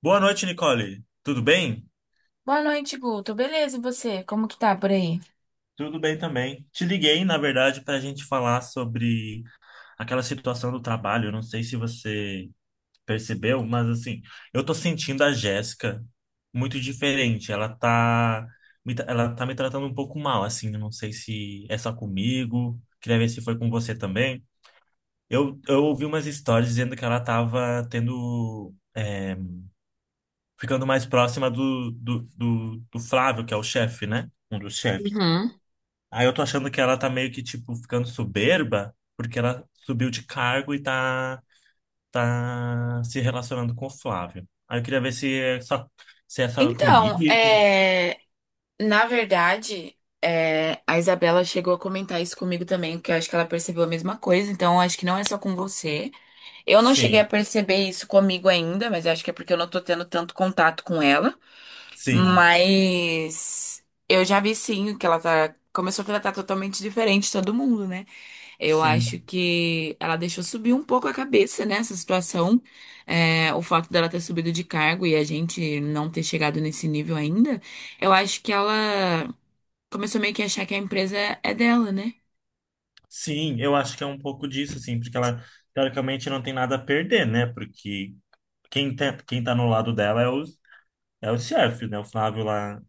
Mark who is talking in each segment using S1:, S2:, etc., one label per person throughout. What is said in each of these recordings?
S1: Boa noite, Nicole. Tudo bem?
S2: Boa noite, Guto. Beleza, e você? Como que tá por aí?
S1: Tudo bem também. Te liguei, na verdade, para a gente falar sobre aquela situação do trabalho. Eu não sei se você percebeu, mas assim, eu tô sentindo a Jéssica muito diferente. Ela tá, ela tá me tratando um pouco mal, assim. Eu não sei se é só comigo. Queria ver se foi com você também. Eu ouvi umas histórias dizendo que ela tava tendo, é, ficando mais próxima do Flávio, que é o chefe, né? Um dos chefes.
S2: Uhum.
S1: Aí eu tô achando que ela tá meio que, tipo, ficando soberba, porque ela subiu de cargo e tá, tá se relacionando com o Flávio. Aí eu queria ver se é só comigo.
S2: Então, é, na verdade, a Isabela chegou a comentar isso comigo também, porque eu acho que ela percebeu a mesma coisa, então eu acho que não é só com você. Eu não cheguei a
S1: Sim,
S2: perceber isso comigo ainda, mas eu acho que é porque eu não tô tendo tanto contato com ela.
S1: sim,
S2: Mas eu já vi sim que ela tá, começou a tratar totalmente diferente todo mundo, né? Eu
S1: sim.
S2: acho que ela deixou subir um pouco a cabeça nessa situação. É, o fato dela ter subido de cargo e a gente não ter chegado nesse nível ainda, eu acho que ela começou meio que a achar que a empresa é dela, né?
S1: Sim, eu acho que é um pouco disso, assim, porque ela, teoricamente, não tem nada a perder, né? Porque quem tá no lado dela é os chefes, né? O Flávio lá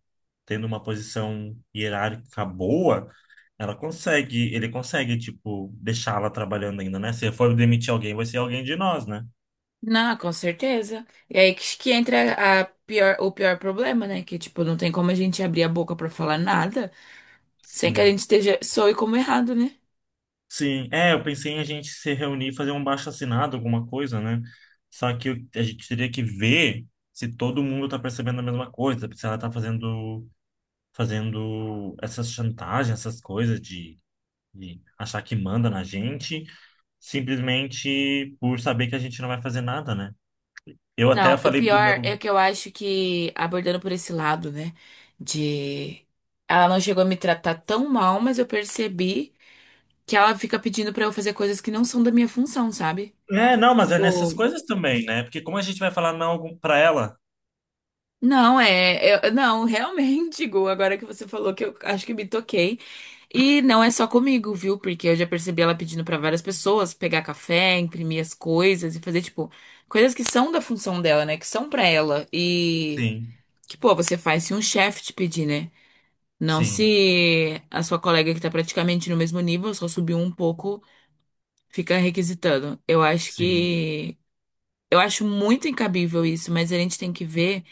S1: tendo uma posição hierárquica boa, ele consegue, tipo, deixá-la trabalhando ainda, né? Se for demitir alguém, vai ser alguém de nós, né?
S2: Não, com certeza. E aí que entra a pior, o pior problema, né? Que, tipo, não tem como a gente abrir a boca pra falar nada sem que a
S1: Sim.
S2: gente esteja, soe como errado, né?
S1: Sim, é, eu pensei em a gente se reunir, fazer um abaixo-assinado, alguma coisa, né? Só que a gente teria que ver se todo mundo tá percebendo a mesma coisa, se ela tá fazendo, fazendo essas chantagens, essas coisas de achar que manda na gente, simplesmente por saber que a gente não vai fazer nada, né? Eu
S2: Não,
S1: até
S2: o
S1: falei pro
S2: pior é
S1: meu,
S2: que eu acho que, abordando por esse lado, né, de. Ela não chegou a me tratar tão mal, mas eu percebi que ela fica pedindo pra eu fazer coisas que não são da minha função, sabe?
S1: é, não, mas é nessas
S2: Tipo,
S1: coisas também, né? Porque como a gente vai falar não pra ela?
S2: não, é. Eu- não, realmente, Gu, agora que você falou que eu acho que me toquei. E não é só comigo, viu? Porque eu já percebi ela pedindo pra várias pessoas pegar café, imprimir as coisas e fazer, tipo, coisas que são da função dela, né, que são pra ela. E.
S1: Sim,
S2: Que, pô, você faz se um chefe te pedir, né? Não
S1: sim,
S2: se a sua colega que está praticamente no mesmo nível, só subiu um pouco, fica requisitando. Eu acho
S1: sim.
S2: que. Eu acho muito incabível isso, mas a gente tem que ver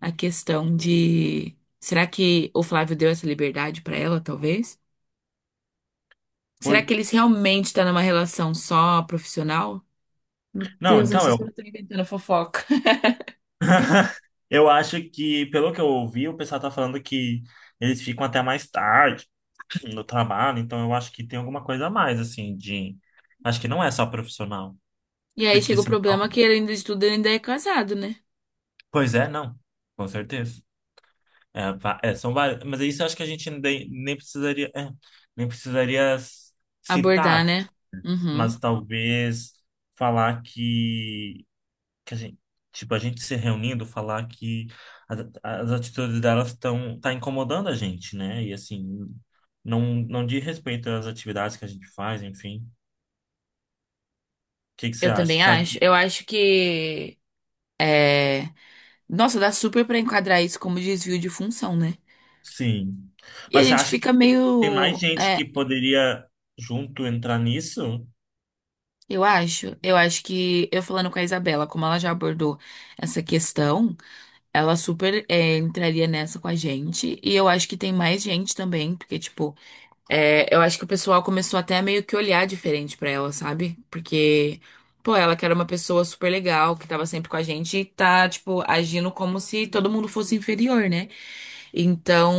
S2: a questão de. Será que o Flávio deu essa liberdade para ela, talvez? Será que
S1: Oi.
S2: eles realmente estão numa relação só profissional? Meu
S1: Não,
S2: Deus, eu não
S1: então
S2: sei se eu
S1: eu.
S2: tô inventando fofoca.
S1: Eu acho que, pelo que eu ouvi, o pessoal tá falando que eles ficam até mais tarde no trabalho, então eu acho que tem alguma coisa a mais, assim, de. Acho que não é só profissional.
S2: E aí
S1: Porque
S2: chega o problema
S1: senão.
S2: que, além de tudo, ele ainda é casado, né?
S1: Pois é, não. Com certeza. É, é, são várias. Mas isso eu acho que a gente nem, nem precisaria. É, nem precisaria
S2: Abordar,
S1: citar,
S2: né? Uhum.
S1: mas talvez falar que, que a gente, tipo, a gente se reunindo, falar que as atitudes delas estão tá incomodando a gente, né? E assim, não diz respeito às atividades que a gente faz, enfim. O que que você
S2: Eu
S1: acha?
S2: também
S1: Você acha
S2: acho. Eu
S1: que,
S2: acho que. É. Nossa, dá super pra enquadrar isso como desvio de função, né?
S1: sim.
S2: E a
S1: Mas você
S2: gente
S1: acha que
S2: fica
S1: tem mais
S2: meio,
S1: gente que poderia junto entrar nisso?
S2: eu acho que eu falando com a Isabela, como ela já abordou essa questão, ela super entraria nessa com a gente. E eu acho que tem mais gente também, porque tipo, eu acho que o pessoal começou até a meio que olhar diferente pra ela, sabe? Porque pô, ela que era uma pessoa super legal, que tava sempre com a gente, e tá, tipo, agindo como se todo mundo fosse inferior, né? Então,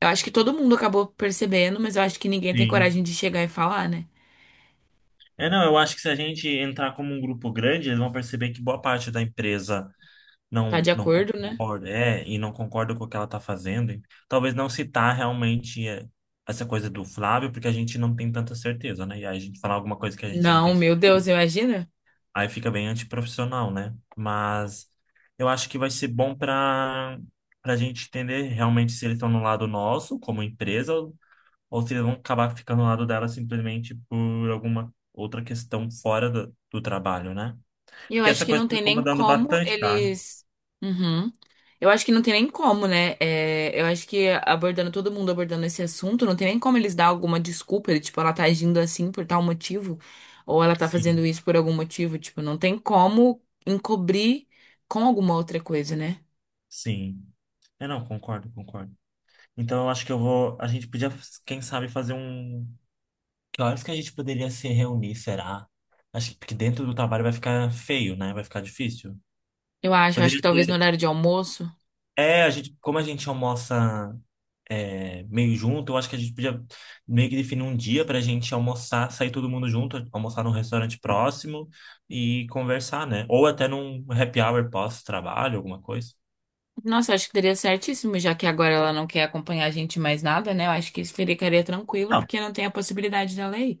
S2: eu acho que todo mundo acabou percebendo, mas eu acho que ninguém tem
S1: Sim.
S2: coragem de chegar e falar, né?
S1: É, não, eu acho que se a gente entrar como um grupo grande, eles vão perceber que boa parte da empresa
S2: Tá de
S1: não
S2: acordo, né?
S1: concorda, é, e não concorda com o que ela tá fazendo. E talvez não citar realmente é, essa coisa do Flávio, porque a gente não tem tanta certeza, né? E aí a gente falar alguma coisa que a gente não
S2: Não,
S1: tem
S2: meu Deus,
S1: certeza.
S2: imagina?
S1: Aí fica bem antiprofissional, né? Mas eu acho que vai ser bom para a gente entender realmente se eles estão no lado nosso, como empresa, ou se eles vão acabar ficando no lado dela simplesmente por alguma outra questão fora do trabalho, né?
S2: E eu
S1: Porque
S2: acho
S1: essa
S2: que
S1: coisa
S2: não
S1: tá me
S2: tem nem
S1: incomodando
S2: como
S1: bastante, tá?
S2: eles. Uhum. Eu acho que não tem nem como, né? É, eu acho que abordando todo mundo abordando esse assunto, não tem nem como eles dar alguma desculpa, ele, tipo, ela tá agindo assim por tal motivo, ou ela tá
S1: Sim,
S2: fazendo isso por algum motivo, tipo, não tem como encobrir com alguma outra coisa, né?
S1: sim. É, não, concordo, concordo. Então eu acho que eu vou. A gente podia, quem sabe, fazer um. Que horas que a gente poderia se reunir, será? Acho que porque dentro do trabalho vai ficar feio, né? Vai ficar difícil.
S2: Eu acho que
S1: Poderia
S2: talvez no
S1: ter.
S2: horário de almoço.
S1: É, a gente, como a gente almoça é, meio junto, eu acho que a gente podia meio que definir um dia pra gente almoçar, sair todo mundo junto, almoçar num restaurante próximo e conversar, né? Ou até num happy hour pós-trabalho, alguma coisa.
S2: Nossa, acho que daria certíssimo, já que agora ela não quer acompanhar a gente em mais nada, né? Eu acho que isso ficaria tranquilo,
S1: Não,
S2: porque não tem a possibilidade dela ir.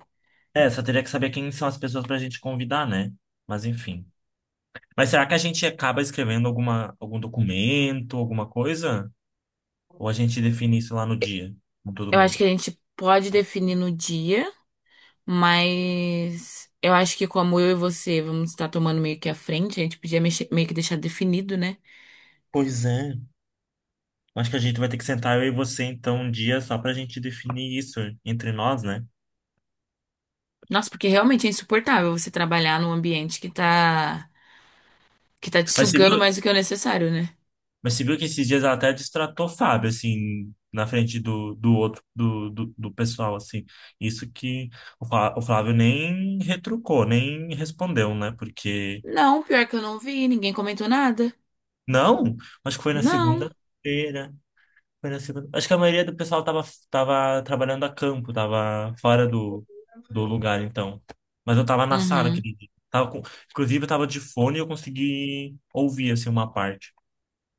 S1: é, só teria que saber quem são as pessoas pra gente convidar, né? Mas enfim. Mas será que a gente acaba escrevendo algum documento, alguma coisa? Ou a gente define isso lá no dia, com todo
S2: Eu acho
S1: mundo?
S2: que a gente pode definir no dia, mas eu acho que como eu e você vamos estar tomando meio que à frente, a gente podia meio que deixar definido, né?
S1: Pois é. Acho que a gente vai ter que sentar eu e você, então, um dia só pra gente definir isso entre nós, né?
S2: Nossa, porque realmente é insuportável você trabalhar num ambiente que tá te
S1: Mas você viu,
S2: sugando mais do que o necessário, né?
S1: mas você viu que esses dias ela até destratou o Fábio, assim, na frente do, do outro, do, do, do pessoal, assim. Isso que o o Flávio nem retrucou, nem respondeu, né? Porque...
S2: Não, pior que eu não vi, ninguém comentou nada.
S1: Não, acho que foi na
S2: Não.
S1: segunda-feira. Acho que a maioria do pessoal tava, tava trabalhando a campo, tava fora do lugar, então. Mas eu tava na sala,
S2: Uhum.
S1: aquele dia. Tava com... Inclusive, eu tava de fone e eu consegui ouvir, assim, uma parte.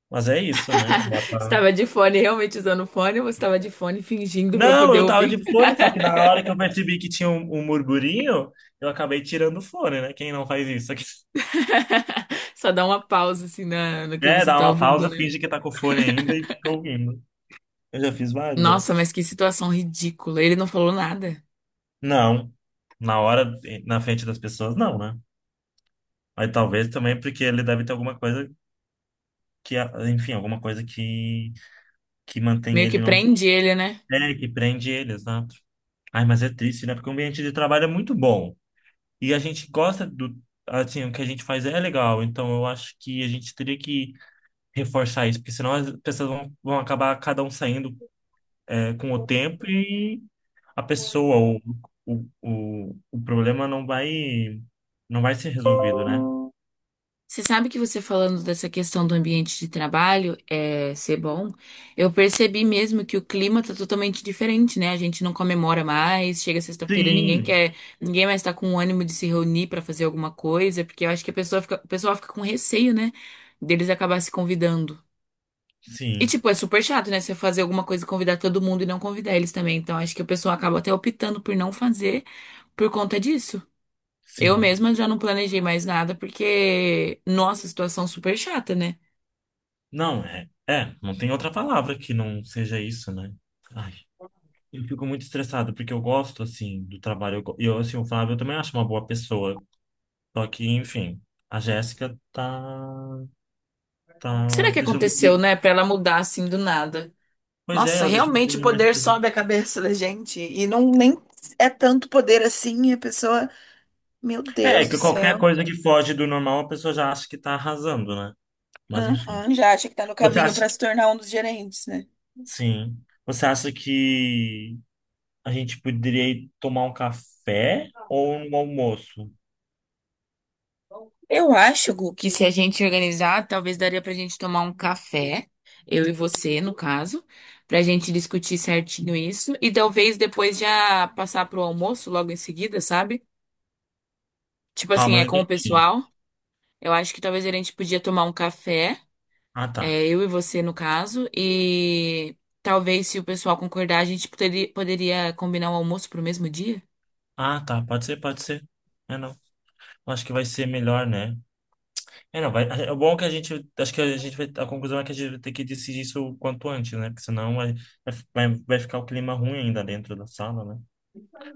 S1: Mas é isso, né? Agora tá-
S2: Estava de fone, realmente usando fone, ou você estava de fone fingindo para
S1: Não,
S2: poder
S1: eu tava
S2: ouvir?
S1: de fone, só que na hora que eu percebi que tinha um murmurinho, eu acabei tirando o fone, né? Quem não faz isso aqui?
S2: Só dá uma pausa assim na, no que
S1: É,
S2: você
S1: dá
S2: tá
S1: uma
S2: ouvindo,
S1: pausa,
S2: né?
S1: finge que tá com o fone ainda e fica ouvindo. Eu já fiz vários
S2: Nossa,
S1: dessas.
S2: mas que situação ridícula. Ele não falou nada.
S1: Não. Na hora, na frente das pessoas, não, né? Mas talvez também porque ele deve ter alguma coisa que, enfim, alguma coisa que mantém
S2: Meio que
S1: ele não.
S2: prende ele, né?
S1: É, que prende ele, exato. Ai, mas é triste, né? Porque o ambiente de trabalho é muito bom. E a gente gosta do. Assim, o que a gente faz é legal. Então eu acho que a gente teria que reforçar isso, porque senão as pessoas vão acabar cada um saindo, é, com o tempo e a pessoa, o, o problema não vai ser resolvido, né?
S2: Você sabe que você falando dessa questão do ambiente de trabalho ser bom, eu percebi mesmo que o clima tá totalmente diferente, né? A gente não comemora mais, chega sexta-feira, ninguém
S1: Sim,
S2: quer, ninguém mais tá com ânimo de se reunir pra fazer alguma coisa, porque eu acho que a pessoa fica, o pessoal fica com receio, né? Deles acabar se convidando. E,
S1: sim,
S2: tipo, é super chato, né? Você fazer alguma coisa, e convidar todo mundo e não convidar eles também. Então, acho que a pessoa acaba até optando por não fazer por conta disso. Eu
S1: sim.
S2: mesma já não planejei mais nada porque, nossa, situação super chata, né?
S1: Não, é, é, não tem outra palavra que não seja isso, né? Ai, eu fico muito estressado porque eu gosto, assim, do trabalho. Eu, e eu, assim, o Flávio eu também acho uma boa pessoa. Só que, enfim, a Jéssica tá,
S2: O que
S1: tá
S2: será que
S1: deixando
S2: aconteceu,
S1: de...
S2: né, pra ela mudar assim do nada?
S1: Pois é,
S2: Nossa,
S1: ela deixa o
S2: realmente o
S1: clima mais
S2: poder
S1: pesado.
S2: sobe a cabeça da gente. E não nem é tanto poder assim, e a pessoa, meu
S1: É,
S2: Deus do
S1: que qualquer
S2: céu.
S1: coisa que foge do normal, a pessoa já acha que tá arrasando, né? Mas, enfim.
S2: Uhum, já acha que tá no
S1: Você
S2: caminho
S1: acha
S2: pra
S1: que...
S2: se tornar um dos gerentes, né?
S1: Sim. Você acha que a gente poderia ir tomar um café ou um almoço?
S2: Eu acho, Gu, que se a gente organizar, talvez daria pra gente tomar um café, eu e você, no caso, pra gente discutir certinho isso e talvez depois já passar pro almoço logo em seguida, sabe? Tipo assim,
S1: Calma, não
S2: é com o
S1: entendi.
S2: pessoal. Eu acho que talvez a gente podia tomar um café,
S1: Ah, tá.
S2: eu e você, no caso, e talvez se o pessoal concordar, a gente poderia combinar o almoço pro mesmo dia.
S1: Ah, tá. Pode ser, pode ser. É, não. Eu acho que vai ser melhor, né? É, não. Vai... É bom que a gente. Acho que a gente vai. A conclusão é que a gente vai ter que decidir isso o quanto antes, né? Porque senão vai ficar o clima ruim ainda dentro da sala, né?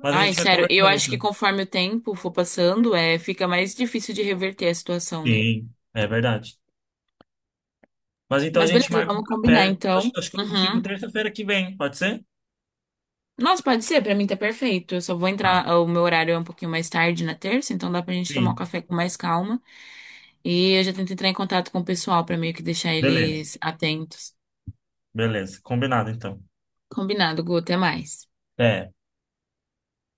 S1: Mas a
S2: Ai,
S1: gente vai
S2: sério, eu
S1: conversando,
S2: acho que
S1: então.
S2: conforme o tempo for passando, fica mais difícil de reverter a situação, né?
S1: Sim, é verdade. Mas então a
S2: Mas
S1: gente
S2: beleza,
S1: marca um
S2: vamos combinar
S1: café.
S2: então.
S1: Acho que eu consigo
S2: Uhum.
S1: terça-feira que vem, pode ser?
S2: Nossa, pode ser, pra mim tá perfeito. Eu só vou
S1: Ah,
S2: entrar, ah, o meu horário é um pouquinho mais tarde na terça, então dá pra gente tomar um
S1: sim.
S2: café com mais calma. E eu já tento entrar em contato com o pessoal pra meio que deixar
S1: Beleza.
S2: eles atentos.
S1: Beleza. Combinado, então.
S2: Combinado, Gu, até mais.
S1: É.